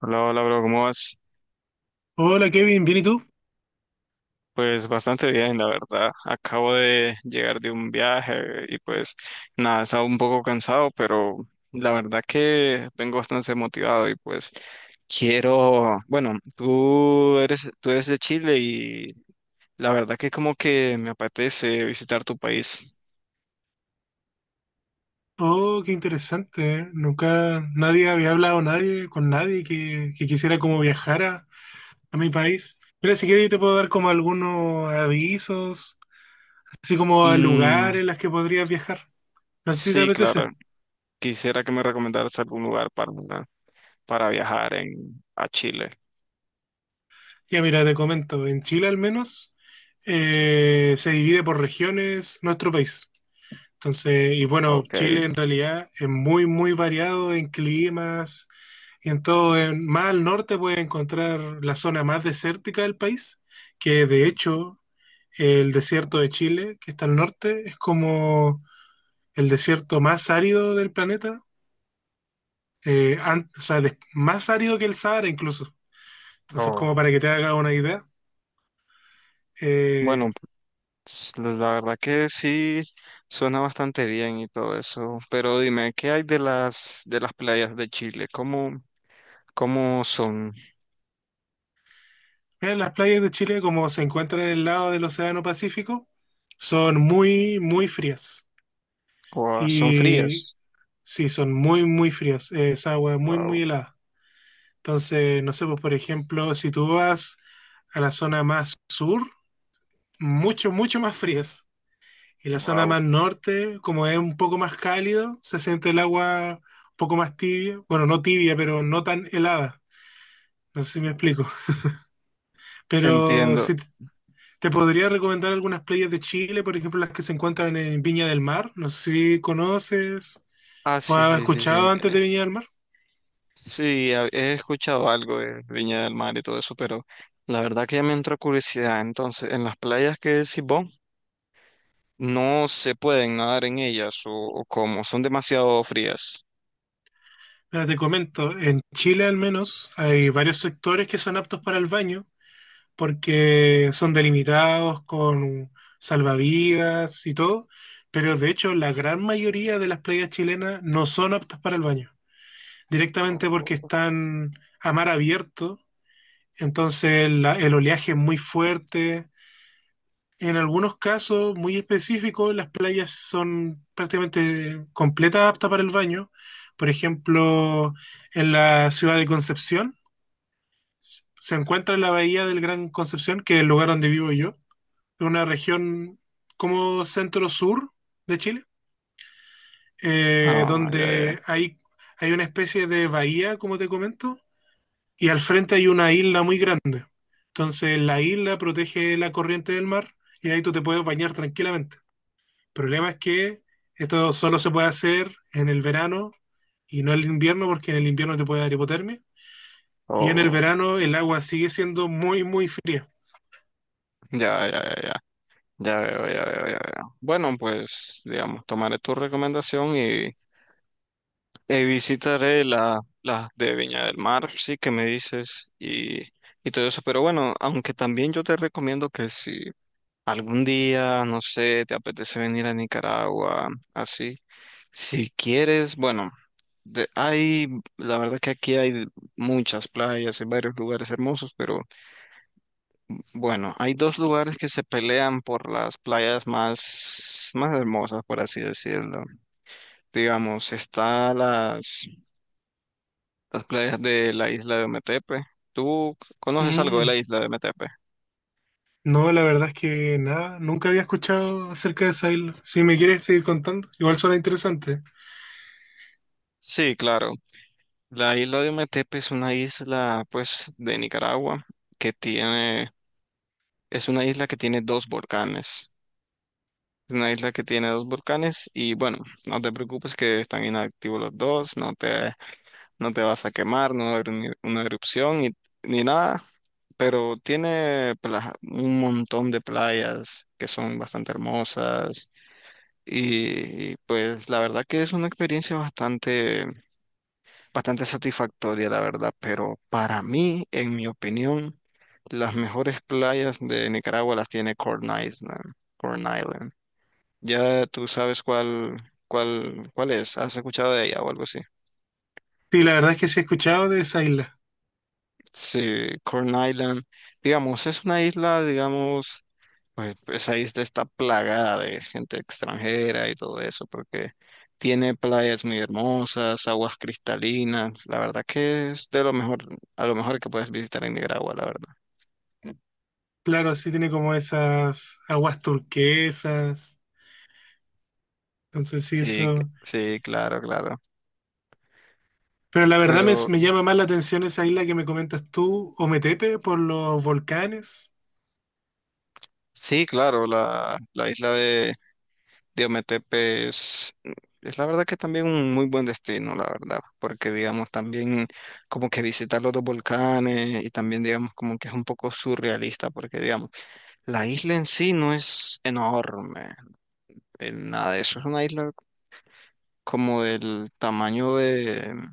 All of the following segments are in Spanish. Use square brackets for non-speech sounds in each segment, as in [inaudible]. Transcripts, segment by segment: Hola, hola, bro, ¿cómo vas? Hola Kevin, ¿bien y tú? Pues bastante bien, la verdad. Acabo de llegar de un viaje y pues nada, estaba un poco cansado, pero la verdad que vengo bastante motivado y pues quiero, bueno, tú eres de Chile y la verdad que como que me apetece visitar tu país. Oh, qué interesante. ¿Eh? Nunca nadie había hablado nadie con nadie que, quisiera como viajar a mi país. Mira, si quieres yo te puedo dar como algunos avisos, así como a Mm, lugares en los que podrías viajar. No sé si te sí, apetece. claro, quisiera que me recomendaras algún lugar para viajar en, a Chile. Ya mira, te comento, en Chile al menos se divide por regiones nuestro país. Entonces, y bueno, Ok. Chile en realidad es muy, muy variado en climas. Y en todo, más al norte puedes encontrar la zona más desértica del país, que de hecho el desierto de Chile, que está al norte, es como el desierto más árido del planeta. O sea, más árido que el Sahara incluso. Entonces, Oh. como para que te haga una idea, eh, Bueno, la verdad que sí suena bastante bien y todo eso, pero dime, ¿qué hay de las playas de Chile? ¿Cómo, cómo son? mira, las playas de Chile, como se encuentran en el lado del Océano Pacífico, son muy, muy frías. Guau, ¿son Y frías? sí, son muy, muy frías. Es agua muy, muy Wow, helada. Entonces, no sé, pues por ejemplo, si tú vas a la zona más sur, mucho, mucho más frías. Y la zona wow. más norte, como es un poco más cálido, se siente el agua un poco más tibia. Bueno, no tibia, pero no tan helada. No sé si me explico. [laughs] Pero Entiendo. si t- te podría recomendar algunas playas de Chile, por ejemplo, las que se encuentran en Viña del Mar. No sé si conoces Ah, o sí, has sí, sí, escuchado sí. antes de Viña del Mar. Sí, he escuchado algo de Viña del Mar y todo eso, pero la verdad que ya me entró curiosidad. Entonces, en las playas que decís vos, no se pueden nadar en ellas o cómo, son demasiado frías. Mira, te comento, en Chile al menos hay varios sectores que son aptos para el baño porque son delimitados con salvavidas y todo, pero de hecho la gran mayoría de las playas chilenas no son aptas para el baño, Oh, directamente porque oh. están a mar abierto, entonces el oleaje es muy fuerte. En algunos casos muy específicos, las playas son prácticamente completas aptas para el baño. Por ejemplo, en la ciudad de Concepción, se encuentra la bahía del Gran Concepción, que es el lugar donde vivo yo, una región como centro-sur de Chile, Ah, ya, ya. donde hay una especie de bahía, como te comento, y al frente hay una isla muy grande. Entonces la isla protege la corriente del mar y ahí tú te puedes bañar tranquilamente. El problema es que esto solo se puede hacer en el verano y no en el invierno, porque en el invierno te puede dar hipotermia. Y en el Oh, verano el agua sigue siendo muy, muy fría. ya, ya, ya, ya. Ya veo, ya veo, ya veo. Bueno, pues, digamos, tomaré tu recomendación y visitaré la, las de Viña del Mar, sí, que me dices, y todo eso. Pero bueno, aunque también yo te recomiendo que si algún día, no sé, te apetece venir a Nicaragua, así. Si quieres, bueno, hay, la verdad que aquí hay muchas playas y varios lugares hermosos, pero bueno, hay dos lugares que se pelean por las playas más, más hermosas, por así decirlo. Digamos, está las playas de la isla de Metepe. ¿Tú conoces algo de la Mm. isla de Metepe? No, la verdad es que nada, nunca había escuchado acerca de esa isla. Si me quieres seguir contando, igual suena interesante. Sí, claro. La isla de Ometepe es una isla, pues, de Nicaragua que tiene, es una isla que tiene dos volcanes. Es una isla que tiene dos volcanes y bueno, no te preocupes que están inactivos los dos, no te, no te vas a quemar, no va a haber una erupción ni, ni nada, pero tiene un montón de playas que son bastante hermosas y pues la verdad que es una experiencia bastante satisfactoria, la verdad, pero para mí, en mi opinión, las mejores playas de Nicaragua las tiene Corn Island. Corn Island. Ya tú sabes cuál, cuál, cuál es, has escuchado de ella o algo así. Sí, la verdad es que sí he escuchado de esa isla. Sí, Corn Island, digamos, es una isla, digamos, pues esa isla está plagada de gente extranjera y todo eso, porque tiene playas muy hermosas, aguas cristalinas, la verdad que es de lo mejor, a lo mejor que puedes visitar en Nicaragua, la verdad. Claro, sí tiene como esas aguas turquesas. Entonces sí, Sí, eso. sí, claro, claro. Pero la verdad Pero me llama más la atención esa isla que me comentas tú, Ometepe, por los volcanes. sí, claro, la isla de Diometepe es la verdad que también un muy buen destino, la verdad, porque digamos también como que visitar los dos volcanes y también digamos como que es un poco surrealista, porque digamos, la isla en sí no es enorme, nada de eso, es una isla como del tamaño de...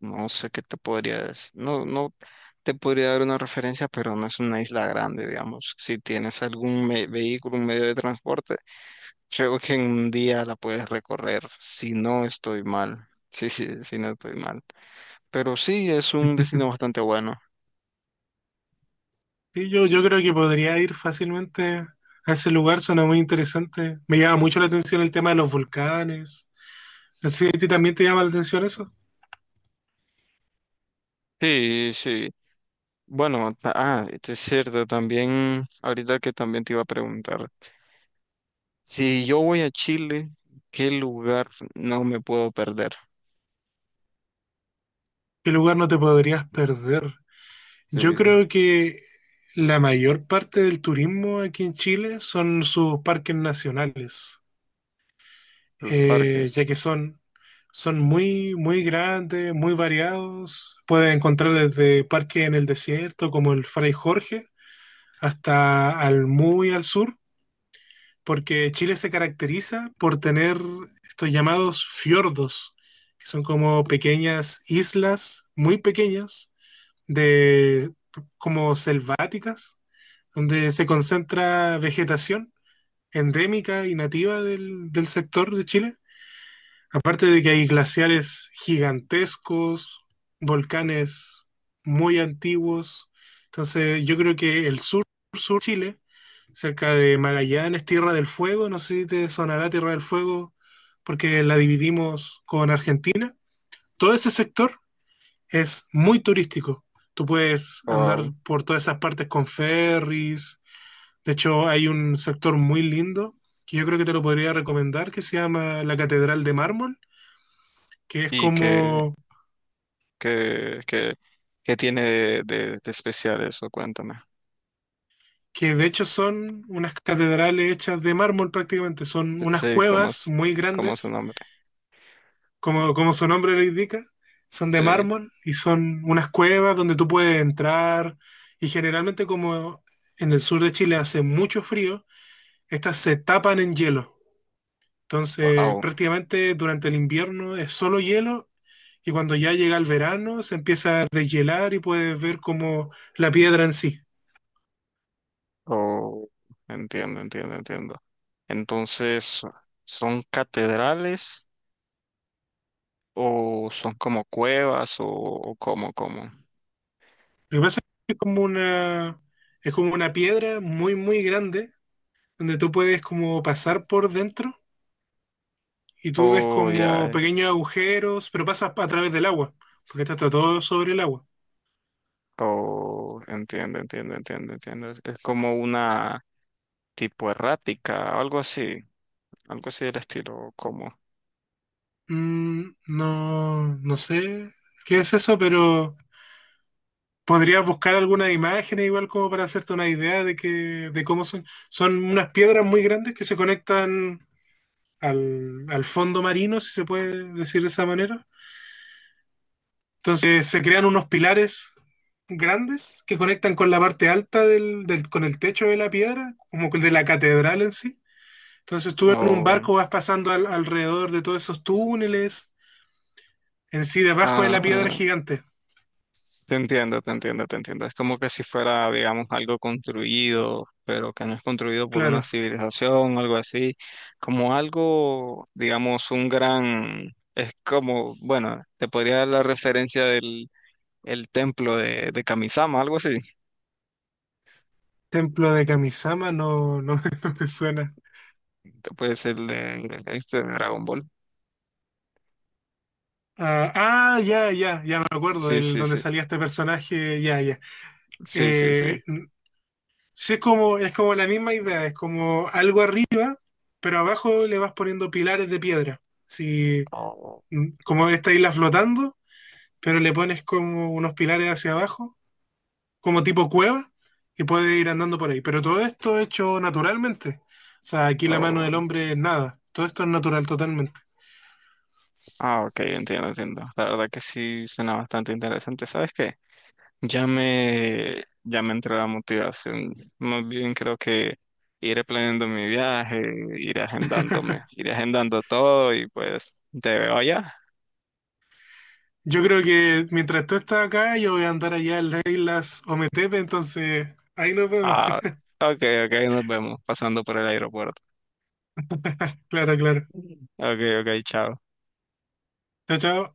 No sé qué te podrías, no te podría dar una referencia, pero no es una isla grande, digamos. Si tienes algún vehículo, un medio de transporte, creo que en un día la puedes recorrer, si no estoy mal. Sí, sí, si no estoy mal. Pero sí, es un destino bastante bueno. Sí, yo creo que podría ir fácilmente a ese lugar, suena muy interesante. Me llama mucho la atención el tema de los volcanes. No sé si a ti también te llama la atención eso. Sí, sí. Bueno, este es cierto, también, ahorita que también te iba a preguntar, si yo voy a Chile, ¿qué lugar no me puedo perder? ¿Qué lugar no te podrías perder? Sí, Yo creo que la mayor parte del turismo aquí en Chile son sus parques nacionales, los ya parques. que son muy, muy grandes, muy variados. Puedes encontrar desde parques en el desierto como el Fray Jorge hasta al muy al sur porque Chile se caracteriza por tener estos llamados fiordos, que son como pequeñas islas, muy pequeñas, de como selváticas, donde se concentra vegetación endémica y nativa del sector de Chile. Aparte de que hay glaciares gigantescos, volcanes muy antiguos, entonces yo creo que el sur, sur Chile, cerca de Magallanes, Tierra del Fuego, no sé si te sonará Tierra del Fuego, porque la dividimos con Argentina. Todo ese sector es muy turístico. Tú puedes andar Wao. por todas esas partes con ferries. De hecho, hay un sector muy lindo que yo creo que te lo podría recomendar, que se llama la Catedral de Mármol, que es ¿Y qué, como qué, qué tiene de, de especial eso? Cuéntame. que de hecho son unas catedrales hechas de mármol prácticamente, son Sí, unas sí, cuevas muy cómo es su grandes, nombre? Como su nombre lo indica, son de Sí. mármol y son unas cuevas donde tú puedes entrar y generalmente como en el sur de Chile hace mucho frío, estas se tapan en hielo. Entonces, Wow. prácticamente durante el invierno es solo hielo y cuando ya llega el verano se empieza a deshielar y puedes ver como la piedra en sí. Oh, entiendo, entiendo, entiendo. Entonces, ¿son catedrales o son como cuevas o cómo, cómo? Lo que pasa es que es como es como una piedra muy, muy grande, donde tú puedes como pasar por dentro y tú ves Oh, ya. como Eh. pequeños agujeros, pero pasas a través del agua, porque está todo sobre el agua. Oh, entiendo, entiendo, entiendo, entiendo. Es como una tipo errática, algo así del estilo, como. Mm, no, no sé qué es eso, pero podrías buscar algunas imágenes igual como para hacerte una idea de que, de cómo son. Son unas piedras muy grandes que se conectan al fondo marino, si se puede decir de esa manera. Entonces se crean unos pilares grandes que conectan con la parte alta con el techo de la piedra, como el de la catedral en sí. Entonces tú en un Oh, barco vas pasando alrededor de todos esos túneles, en sí debajo de la piedra ah. gigante. Te entiendo, te entiendo, te entiendo. Es como que si fuera, digamos, algo construido, pero que no es construido por una Claro. civilización, algo así, como algo, digamos, un gran, es como, bueno, te podría dar la referencia del el templo de Kamisama, algo así. Templo de Kamisama no, no, [laughs] no me suena. Te puede ser de, este, de Dragon Ball. Ah, ah, ya, ya, ya me acuerdo Sí, del sí, donde sí, salía este personaje, ya, ya. sí, sí, sí. Eh, sí, es como la misma idea, es como algo arriba pero abajo le vas poniendo pilares de piedra. Si, Oh. mm, como esta isla flotando, pero le pones como unos pilares hacia abajo, como tipo cueva, y puedes ir andando por ahí. Pero todo esto hecho naturalmente. O sea, aquí la mano del Oh, hombre es nada. Todo esto es natural totalmente. ah, ok, entiendo, entiendo. La verdad que sí suena bastante interesante. ¿Sabes qué? Ya me entró la motivación. Más bien creo que iré planeando mi viaje, iré agendándome, iré agendando todo y pues te veo allá. Yo creo que mientras tú estás acá, yo voy a andar allá en las islas Ometepe, entonces ahí nos vemos. Ah, [laughs] ok, ok, nos vemos pasando por el aeropuerto. Claro, claro. Ok, ok, chao. Chao, chao.